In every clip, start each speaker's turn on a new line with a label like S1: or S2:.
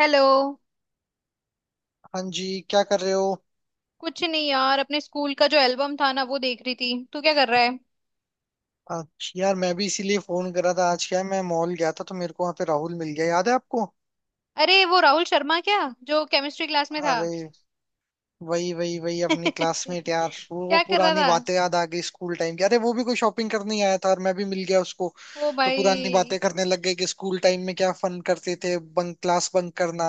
S1: Hello.
S2: हाँ जी, क्या कर रहे हो?
S1: कुछ नहीं यार, अपने स्कूल का जो एल्बम था ना, वो देख रही थी। तू क्या कर रहा है?
S2: अच्छा यार, मैं भी इसीलिए फोन कर रहा था। आज क्या है, मैं मॉल गया था तो मेरे को वहां पे राहुल मिल गया, याद है आपको?
S1: अरे वो राहुल शर्मा क्या, जो केमिस्ट्री क्लास में था?
S2: अरे वही वही वही अपनी क्लासमेट यार। वो
S1: क्या कर रहा
S2: पुरानी
S1: था?
S2: बातें याद आ गई स्कूल टाइम की। अरे वो भी कोई शॉपिंग करने ही आया था और मैं भी मिल गया उसको।
S1: ओ
S2: तो
S1: भाई।
S2: पुरानी बातें करने लग गए कि स्कूल टाइम में क्या फन करते थे, बंक क्लास बंक करना,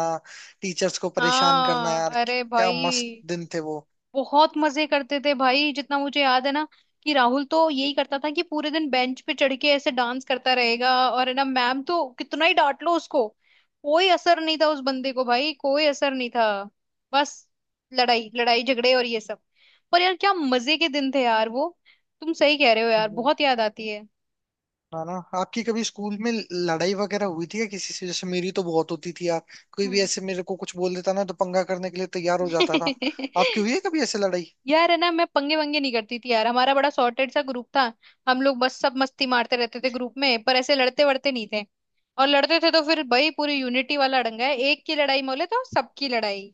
S2: टीचर्स को परेशान करना।
S1: हाँ,
S2: यार
S1: अरे
S2: क्या मस्त
S1: भाई,
S2: दिन थे वो।
S1: बहुत मजे करते थे भाई, जितना मुझे याद है ना, कि राहुल तो यही करता था कि पूरे दिन बेंच पे चढ़ के ऐसे डांस करता रहेगा, और है ना मैम तो कितना ही डांट लो उसको, कोई असर नहीं था उस बंदे को भाई। कोई असर नहीं था। बस लड़ाई लड़ाई झगड़े और ये सब। पर यार क्या मजे के दिन थे यार वो। तुम सही कह रहे हो यार, बहुत याद आती है।
S2: है ना। आपकी कभी स्कूल में लड़ाई वगैरह हुई थी या किसी से? जैसे मेरी तो बहुत होती थी यार। कोई भी
S1: हम्म।
S2: ऐसे मेरे को कुछ बोल देता ना तो पंगा करने के लिए तैयार हो जाता था। आपकी हुई है कभी ऐसे लड़ाई?
S1: यार है ना, मैं पंगे वंगे नहीं करती थी यार। हमारा बड़ा सॉर्टेड सा ग्रुप था। हम लोग बस सब मस्ती मारते रहते थे ग्रुप में, पर ऐसे लड़ते वड़ते नहीं थे। और लड़ते थे तो फिर भाई पूरी यूनिटी वाला डंगा है, एक की लड़ाई मोले तो सबकी लड़ाई।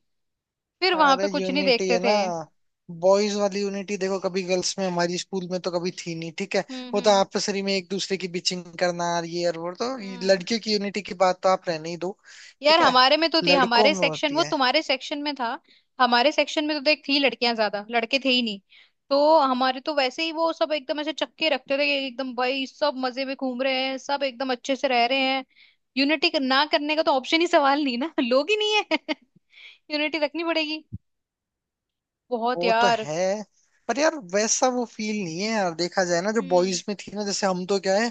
S1: फिर वहां
S2: अरे
S1: पे कुछ नहीं
S2: यूनिटी है
S1: देखते
S2: ना,
S1: थे।
S2: बॉयज वाली यूनिटी देखो, कभी गर्ल्स में हमारी स्कूल में तो कभी थी नहीं, ठीक है।
S1: हम्म।
S2: वो तो
S1: हम्म।
S2: आपसरी में एक दूसरे की बिचिंग करना और ये और वो, तो ये
S1: हम्म।
S2: लड़कियों की यूनिटी की बात तो आप रहने ही दो।
S1: यार
S2: ठीक है,
S1: हमारे में तो थी,
S2: लड़कों
S1: हमारे
S2: में
S1: सेक्शन,
S2: होती
S1: वो
S2: है।
S1: तुम्हारे सेक्शन में था। हमारे सेक्शन में तो देख, थी लड़कियां ज्यादा, लड़के थे ही नहीं। तो हमारे तो वैसे ही वो सब एकदम ऐसे चक्के रखते थे कि एकदम भाई सब मजे में घूम रहे हैं, सब एकदम अच्छे से रह रहे हैं। यूनिटी ना करने का तो ऑप्शन ही सवाल नहीं ना। लोग ही नहीं है। यूनिटी रखनी पड़ेगी। बहुत
S2: वो तो
S1: यार।
S2: है। पर यार वैसा वो फील नहीं है यार, देखा जाए ना जो
S1: हम्म।
S2: बॉयज में थी ना। जैसे हम तो क्या है,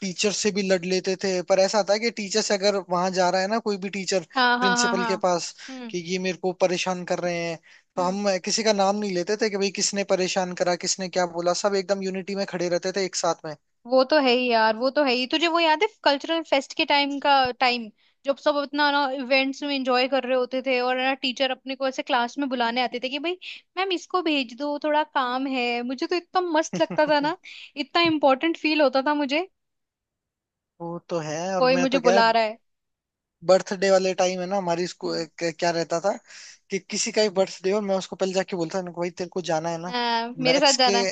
S2: टीचर से भी लड़ लेते थे, पर ऐसा था कि टीचर से अगर वहां जा रहा है ना कोई भी टीचर
S1: हाँ हाँ हाँ
S2: प्रिंसिपल
S1: हाँ।
S2: के पास
S1: हम्म।
S2: कि ये मेरे को परेशान कर रहे हैं, तो
S1: हम्म।
S2: हम किसी का नाम नहीं लेते थे कि भाई किसने परेशान करा, किसने क्या बोला। सब एकदम यूनिटी में खड़े रहते थे एक साथ में।
S1: वो तो है ही यार, वो तो है ही। तुझे वो याद है कल्चरल फेस्ट के टाइम का? टाइम, जब सब अपना ना इवेंट्स में एंजॉय कर रहे होते थे, और ना टीचर अपने को ऐसे क्लास में बुलाने आते थे कि भाई मैम इसको भेज दो थोड़ा काम है। मुझे तो इतना मस्त लगता था ना। इतना इम्पोर्टेंट फील होता था मुझे।
S2: वो तो है। और
S1: कोई
S2: मैं
S1: मुझे
S2: तो क्या है,
S1: बुला रहा है।
S2: बर्थडे वाले टाइम है ना हमारी स्कूल
S1: हम्म।
S2: क्या रहता था कि किसी का भी बर्थडे हो, मैं उसको पहले जाके बोलता था ना, भाई तेरे को जाना है ना
S1: हाँ, मेरे साथ
S2: मैथ्स के
S1: जाना।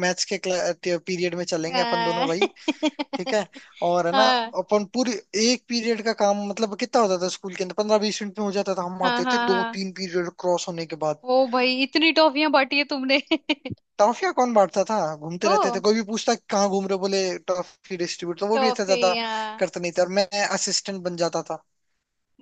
S2: मैथ्स के पीरियड में, चलेंगे अपन
S1: हाँ।
S2: दोनों भाई। ठीक है। और है ना,
S1: हाँ।
S2: अपन पूरी एक पीरियड का काम मतलब कितना होता था स्कूल के अंदर, 15 20 मिनट में हो जाता था। हम
S1: हाँ
S2: आते थे
S1: हाँ
S2: दो
S1: हाँ।
S2: तीन पीरियड क्रॉस होने के बाद।
S1: ओ भाई इतनी टॉफियां बांटी है तुमने।
S2: टॉफियां कौन बांटता था, घूमते रहते थे।
S1: तो
S2: कोई भी पूछता कहाँ घूम रहे हो? बोले टॉफी डिस्ट्रीब्यूट। तो वो भी ऐसा ज्यादा
S1: टॉफियां।
S2: करते नहीं थे और मैं असिस्टेंट बन जाता था।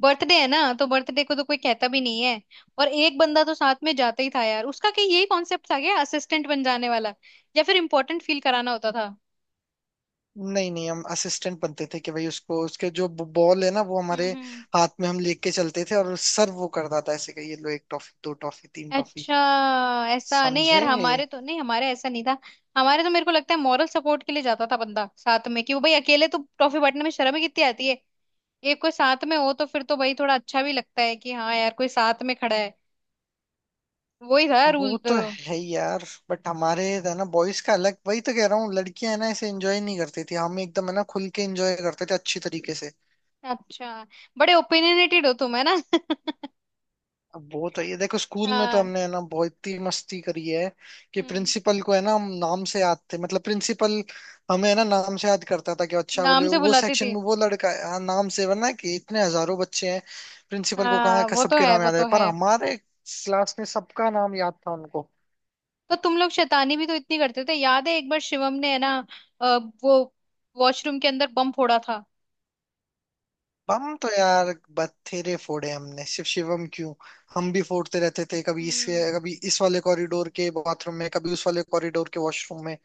S1: बर्थडे है ना तो बर्थडे को तो कोई कहता भी नहीं है। और एक बंदा तो साथ में जाता ही था यार, उसका क्या यही कॉन्सेप्ट आ गया, असिस्टेंट बन जाने वाला। या फिर इम्पोर्टेंट फील कराना होता था।
S2: नहीं नहीं, हम असिस्टेंट बनते थे कि भाई उसको उसके जो बॉल है ना वो
S1: हम्म।
S2: हमारे
S1: हम्म।
S2: हाथ में हम लेके चलते थे और सर वो करता था ऐसे कि ये लो एक टॉफी, दो टॉफी, तीन टॉफी।
S1: अच्छा। ऐसा नहीं यार,
S2: समझे।
S1: हमारे तो नहीं, हमारे ऐसा नहीं था। हमारे तो मेरे को लगता है मॉरल सपोर्ट के लिए जाता था बंदा साथ में, कि वो भाई अकेले तो ट्रॉफी बांटने में शर्म ही कितनी आती है। एक कोई साथ में हो तो फिर तो भाई थोड़ा अच्छा भी लगता है कि हाँ यार कोई साथ में खड़ा है। वही था रूल
S2: वो
S1: तो।
S2: तो है ही यार। बट हमारे है ना बॉयज का अलग, वही तो कह रहा हूँ। लड़कियां है ना ऐसे एंजॉय नहीं करती थी, हम एकदम है ना खुल के एंजॉय करते थे अच्छी तरीके से।
S1: अच्छा, बड़े ओपिनियनेटेड हो तुम है ना।
S2: अब वो तो ये देखो, स्कूल में तो
S1: हाँ।
S2: हमने है ना बहुत ही मस्ती करी है कि
S1: हम्म।
S2: प्रिंसिपल को है ना हम नाम से याद थे। मतलब प्रिंसिपल हमें है ना नाम से याद करता था कि अच्छा, बोले
S1: नाम से
S2: वो
S1: बुलाती
S2: सेक्शन
S1: थी?
S2: में वो लड़का है, हाँ, नाम से। वरना कि इतने हजारों बच्चे हैं, प्रिंसिपल को कहाँ
S1: हाँ,
S2: का
S1: वो तो
S2: सबके
S1: है,
S2: नाम
S1: वो
S2: याद है,
S1: तो
S2: पर
S1: है।
S2: हमारे क्लास में सबका नाम याद था उनको।
S1: तो तुम लोग शैतानी भी तो इतनी करते थे। याद है एक बार शिवम ने है ना अ, वो वॉशरूम के अंदर बम फोड़ा था?
S2: बम तो यार बथेरे फोड़े हमने। शिवम क्यों, हम भी फोड़ते रहते थे
S1: हम्म।
S2: कभी इस वाले कॉरिडोर के बाथरूम में, कभी उस वाले कॉरिडोर के वॉशरूम में।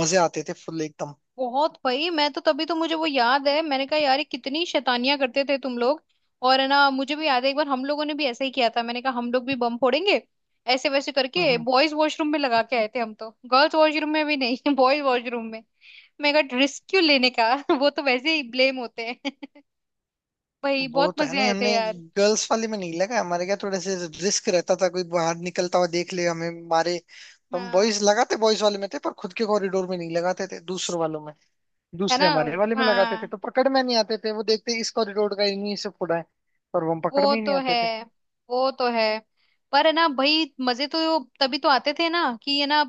S2: मजे आते थे फुल एकदम।
S1: बहुत भाई। मैं तो तभी तो मुझे वो याद है, मैंने कहा यार ये कितनी शैतानियां करते थे तुम लोग। और है ना मुझे भी याद है, एक बार हम लोगों ने भी ऐसा ही किया था, मैंने कहा हम लोग भी बम फोड़ेंगे ऐसे वैसे करके।
S2: हम्म,
S1: बॉयज वॉशरूम में लगा के आए थे हम, तो गर्ल्स वॉशरूम में भी नहीं बॉयज वॉशरूम में। मैं कहा रिस्क क्यों लेने का। वो तो वैसे ही ब्लेम होते हैं। भाई
S2: वो
S1: बहुत
S2: तो है।
S1: मजे
S2: नहीं
S1: आए
S2: हमने
S1: थे यार।
S2: गर्ल्स वाले में नहीं लगा, हमारे क्या थोड़े से रिस्क रहता था, कोई बाहर निकलता हुआ देख ले, हमें मारे। तो हम
S1: हाँ।
S2: बॉयज लगाते बॉयज वाले में थे, पर खुद के कॉरिडोर में नहीं लगाते थे, दूसरों वालों में।
S1: है
S2: दूसरे
S1: ना।
S2: हमारे वाले में लगाते थे
S1: हाँ।
S2: तो पकड़ में नहीं आते थे। वो देखते इस कॉरिडोर का इन्हीं से फोड़ा है, पर वो हम पकड़ में
S1: वो
S2: ही नहीं
S1: तो
S2: आते
S1: है,
S2: थे।
S1: वो तो है। पर है ना भाई मजे तो तभी तो आते थे ना, कि ये ना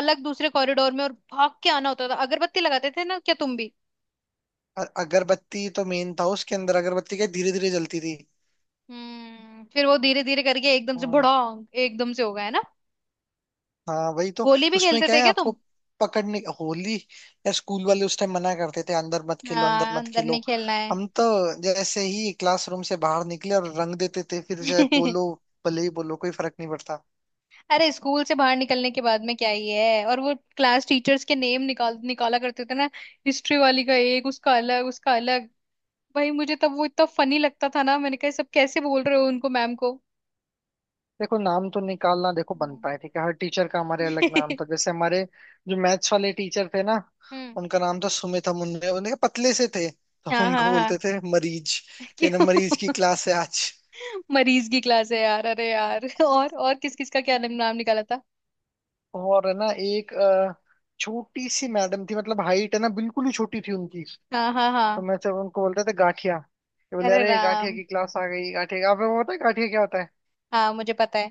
S1: अलग दूसरे कॉरिडोर में, और भाग के आना होता था। अगरबत्ती लगाते थे ना क्या तुम भी?
S2: अगरबत्ती तो मेन था उसके अंदर, अगरबत्ती क्या धीरे धीरे जलती थी।
S1: हम्म। फिर वो धीरे धीरे करके एकदम से
S2: हाँ।
S1: बड़ा, एकदम से हो गया है ना।
S2: हाँ वही तो।
S1: होली भी
S2: उसमें
S1: खेलते
S2: क्या
S1: थे
S2: है
S1: क्या
S2: आपको
S1: तुम?
S2: पकड़ने? होली, या स्कूल वाले उस टाइम मना करते थे अंदर मत खेलो, अंदर
S1: हाँ,
S2: मत
S1: अंदर
S2: खेलो।
S1: नहीं खेलना है।
S2: हम तो जैसे ही क्लासरूम से बाहर निकले और रंग देते थे, फिर चाहे बोलो, भले ही बोलो, कोई फर्क नहीं पड़ता।
S1: अरे, स्कूल से बाहर निकलने के बाद में क्या ही है। और वो क्लास टीचर्स के नेम निकाल निकाला करते थे ना। हिस्ट्री वाली का एक, उसका अलग, उसका अलग। भाई मुझे तब वो इतना फनी लगता था ना, मैंने कहा "ये सब कैसे बोल रहे हो उनको, मैम को"।
S2: देखो नाम तो निकालना देखो
S1: हम्म।
S2: बनता है, ठीक है, हर टीचर का हमारे अलग नाम था। जैसे हमारे जो मैथ्स वाले टीचर थे ना,
S1: हम्म।
S2: उनका नाम था सुमित, हम उनने उनके पतले से थे तो हम
S1: हाँ
S2: उनको
S1: हाँ
S2: बोलते थे
S1: हाँ।
S2: मरीज। ये ना
S1: क्यों?
S2: मरीज की क्लास है आज।
S1: मरीज की क्लास है यार? अरे यार, और किस किस का क्या नाम निकाला था?
S2: और है ना एक छोटी सी मैडम थी, मतलब हाइट है ना बिल्कुल ही छोटी थी उनकी। तो
S1: हाँ हाँ हाँ।
S2: मैं जब उनको बोलते थे गाठिया, ये बोले
S1: अरे
S2: अरे गाठिया
S1: राम।
S2: की क्लास आ गई। गाठिया, आपको पता है गाठिया क्या होता है।
S1: हाँ मुझे पता है।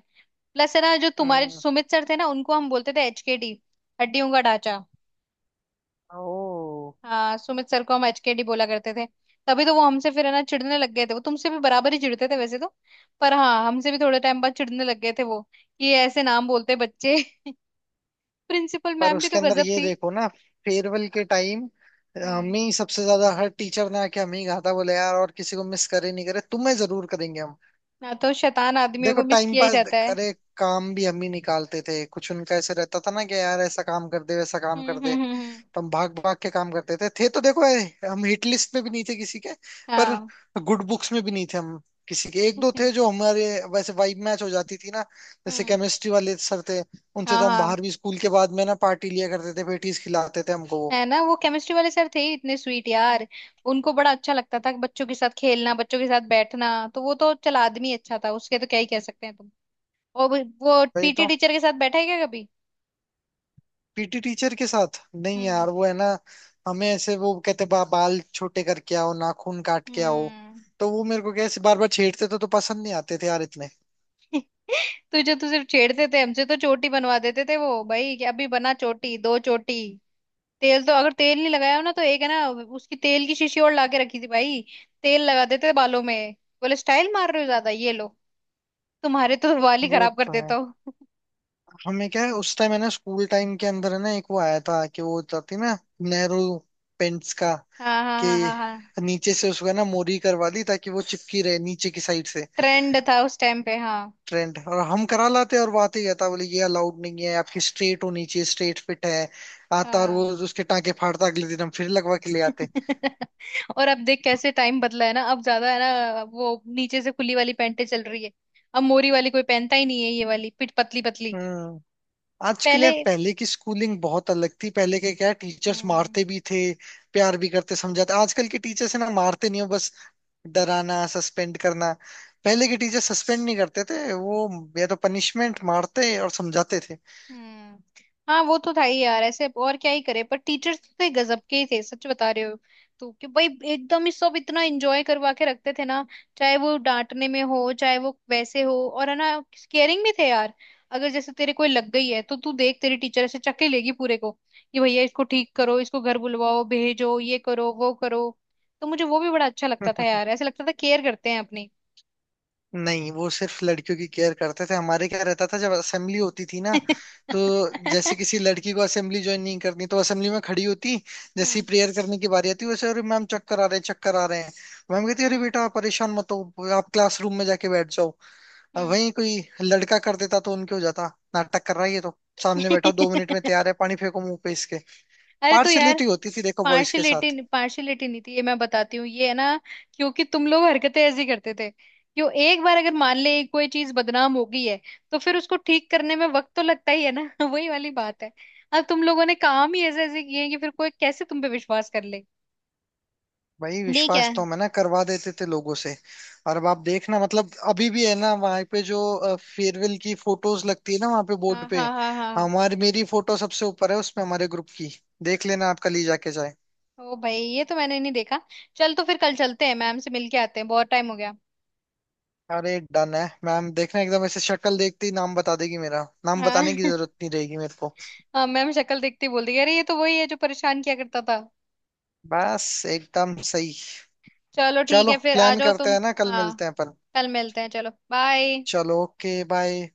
S1: प्लस है ना, जो तुम्हारे जो
S2: हम्म।
S1: सुमित सर थे ना, उनको हम बोलते थे एचकेडी। हड्डियों का ढांचा।
S2: ओ।
S1: हाँ, सुमित सर को हम एचकेडी बोला करते थे। तभी तो वो हमसे फिर है ना चिढ़ने लग गए थे। वो तुमसे भी बराबर ही चिढ़ते थे वैसे तो। पर हाँ, हमसे भी थोड़े टाइम बाद चिढ़ने लग गए थे वो, कि ये ऐसे नाम बोलते बच्चे। प्रिंसिपल
S2: पर
S1: मैम भी
S2: उसके
S1: तो
S2: अंदर
S1: गजब
S2: ये
S1: थी।
S2: देखो ना, फेयरवेल के टाइम
S1: हम्म।
S2: हमें ही सबसे ज्यादा हर टीचर ने आके हमें ही कहा था, बोले यार और किसी को मिस करे नहीं करे, तुम्हें जरूर करेंगे हम।
S1: ना तो शैतान आदमियों
S2: देखो
S1: को मिस
S2: टाइम
S1: किया ही
S2: पास
S1: जाता है।
S2: करे, काम भी हम ही निकालते थे कुछ। उनका ऐसे रहता था ना कि यार ऐसा काम कर दे, वैसा काम
S1: हम्म।
S2: कर दे।
S1: हम्म। हम्म।
S2: तो हम भाग भाग के काम करते थे। तो देखो हम हिट लिस्ट में भी नहीं थे किसी के, पर
S1: हाँ।
S2: गुड बुक्स में भी नहीं थे हम किसी के। एक दो थे जो हमारे वैसे वाइब मैच हो जाती थी ना। जैसे
S1: हम्म।
S2: केमिस्ट्री वाले सर थे, उनसे
S1: हाँ
S2: तो हम
S1: हाँ।
S2: बाहर भी स्कूल के बाद में ना पार्टी लिया करते थे, पेटीज खिलाते थे हमको वो।
S1: है ना, वो केमिस्ट्री वाले सर थे ही इतने स्वीट यार। उनको बड़ा अच्छा लगता था बच्चों के साथ खेलना, बच्चों के साथ बैठना। तो वो तो चल, आदमी अच्छा था, उसके तो क्या ही कह सकते हैं तुम। और वो
S2: वही
S1: पीटी
S2: तो।
S1: टीचर के साथ बैठा है क्या कभी?
S2: पीटी टीचर के साथ नहीं
S1: हम्म।
S2: यार, वो है ना हमें ऐसे वो कहते बाल छोटे करके आओ, नाखून काट के आओ,
S1: हम्म।
S2: तो वो मेरे को कैसे बार बार छेड़ते थे, तो पसंद नहीं आते थे यार इतने।
S1: तुझे तो सिर्फ छेड़ते थे, हमसे तो चोटी बनवा देते थे वो भाई, कि अभी बना चोटी, दो चोटी। तेल तो, अगर तेल नहीं लगाया हो ना तो एक है ना उसकी तेल की शीशी और लाके रखी थी भाई, तेल लगा देते थे बालों में। बोले स्टाइल मार रहे हो ज्यादा, ये लो। तुम्हारे तो बाल ही
S2: वो
S1: खराब कर
S2: तो
S1: देता
S2: है।
S1: हूँ।
S2: हमें क्या है उस टाइम है ना, स्कूल टाइम के अंदर है ना एक वो आया था कि वो जाती ना नेहरू पेंट्स का,
S1: हाँ हाँ
S2: कि
S1: हाँ हाँ हाँ।
S2: नीचे से उसको है ना मोरी करवा दी ताकि वो चिपकी रहे नीचे की साइड से।
S1: ट्रेंड था उस टाइम पे, हाँ।
S2: ट्रेंड, और हम करा लाते, और बात ही कहता बोले ये अलाउड नहीं है, आपकी स्ट्रेट होनी चाहिए, स्ट्रेट फिट है। आता और वो
S1: हाँ।
S2: उसके टांके फाड़ता, अगले दिन हम फिर लगवा के ले आते।
S1: और अब देख कैसे टाइम बदला है ना, अब ज्यादा है ना वो नीचे से खुली वाली पैंटें चल रही है। अब मोरी वाली कोई पहनता ही नहीं है, ये वाली पिट पतली पतली।
S2: हम्म। आजकल
S1: पहले।
S2: यार, पहले की स्कूलिंग बहुत अलग थी, पहले के क्या टीचर्स
S1: हम्म।
S2: मारते भी थे, प्यार भी करते, समझाते। आजकल के टीचर्स है ना मारते नहीं हो, बस डराना, सस्पेंड करना। पहले के टीचर सस्पेंड नहीं करते थे वो, या तो पनिशमेंट, मारते और समझाते थे।
S1: हम्म। हाँ, वो तो था ही यार ऐसे, और क्या ही करे। पर टीचर्स तो गजब के ही थे सच बता रहे हो तो, कि भाई एकदम ही सब इतना एंजॉय करवा के रखते थे ना, चाहे वो डांटने में हो, चाहे वो वैसे हो। और है ना, केयरिंग भी थे यार। अगर जैसे तेरे कोई लग गई है तो तू देख, तेरी टीचर ऐसे चक्के लेगी पूरे को कि भैया इसको ठीक करो, इसको घर बुलवाओ, भेजो, ये करो, वो करो। तो मुझे वो भी बड़ा अच्छा लगता था यार, ऐसे लगता था केयर करते हैं अपनी।
S2: नहीं, वो सिर्फ लड़कियों की केयर करते थे। हमारे क्या रहता था, जब असेंबली होती थी ना, तो जैसे किसी लड़की को असेंबली ज्वाइन नहीं करनी तो असेंबली में खड़ी होती, जैसे
S1: हम्म।
S2: ही प्रेयर करने की बारी आती वैसे अरे मैम चक्कर आ रहे हैं, चक्कर आ रहे हैं। मैम कहती अरे
S1: हम्म।
S2: बेटा आप परेशान मत हो, आप क्लासरूम में जाके बैठ जाओ। अब
S1: हम्म।
S2: वहीं कोई लड़का कर देता तो उनके हो जाता नाटक कर रहा है ये तो, सामने बैठा, 2 मिनट में तैयार है, पानी फेंको मुंह पे इसके।
S1: अरे तो यार,
S2: पार्शलिटी होती थी देखो बॉयज के
S1: पार्शलिटी,
S2: साथ।
S1: पार्शलिटी नहीं थी, ये मैं बताती हूँ। ये है ना, क्योंकि तुम लोग हरकतें ऐसी करते थे क्यों? एक बार अगर मान ले कोई चीज बदनाम हो गई है, तो फिर उसको ठीक करने में वक्त तो लगता ही है ना। वही वाली बात है। अब तुम लोगों ने काम ही ऐसे ऐसे किए हैं कि फिर कोई कैसे तुम पे विश्वास कर ले।
S2: भाई
S1: ठीक है।
S2: विश्वास तो हम है ना करवा देते थे लोगों से। और अब आप देखना, मतलब अभी भी है ना वहां पे जो फेयरवेल की फोटोज लगती है ना वहां पे बोर्ड
S1: हाँ
S2: पे,
S1: हाँ हाँ हाँ।
S2: हमारी मेरी फोटो सबसे ऊपर है उसमें, हमारे ग्रुप की। देख लेना आपका ली जाके जाए।
S1: ओ भाई ये तो मैंने नहीं देखा। चल, तो फिर कल चलते हैं, मैम से मिलके आते हैं, बहुत टाइम हो गया।
S2: अरे डन है, मैम देखना एकदम ऐसे शक्ल देखते ही नाम बता देगी, मेरा नाम
S1: हाँ
S2: बताने की जरूरत नहीं रहेगी मेरे को।
S1: हाँ। मैम शक्ल देखते ही बोल दी, अरे ये तो वही है जो परेशान किया करता था।
S2: बस एकदम सही।
S1: चलो ठीक
S2: चलो
S1: है, फिर आ
S2: प्लान
S1: जाओ
S2: करते
S1: तुम।
S2: हैं ना, कल
S1: हाँ,
S2: मिलते हैं अपन।
S1: कल मिलते हैं, चलो बाय।
S2: चलो ओके बाय।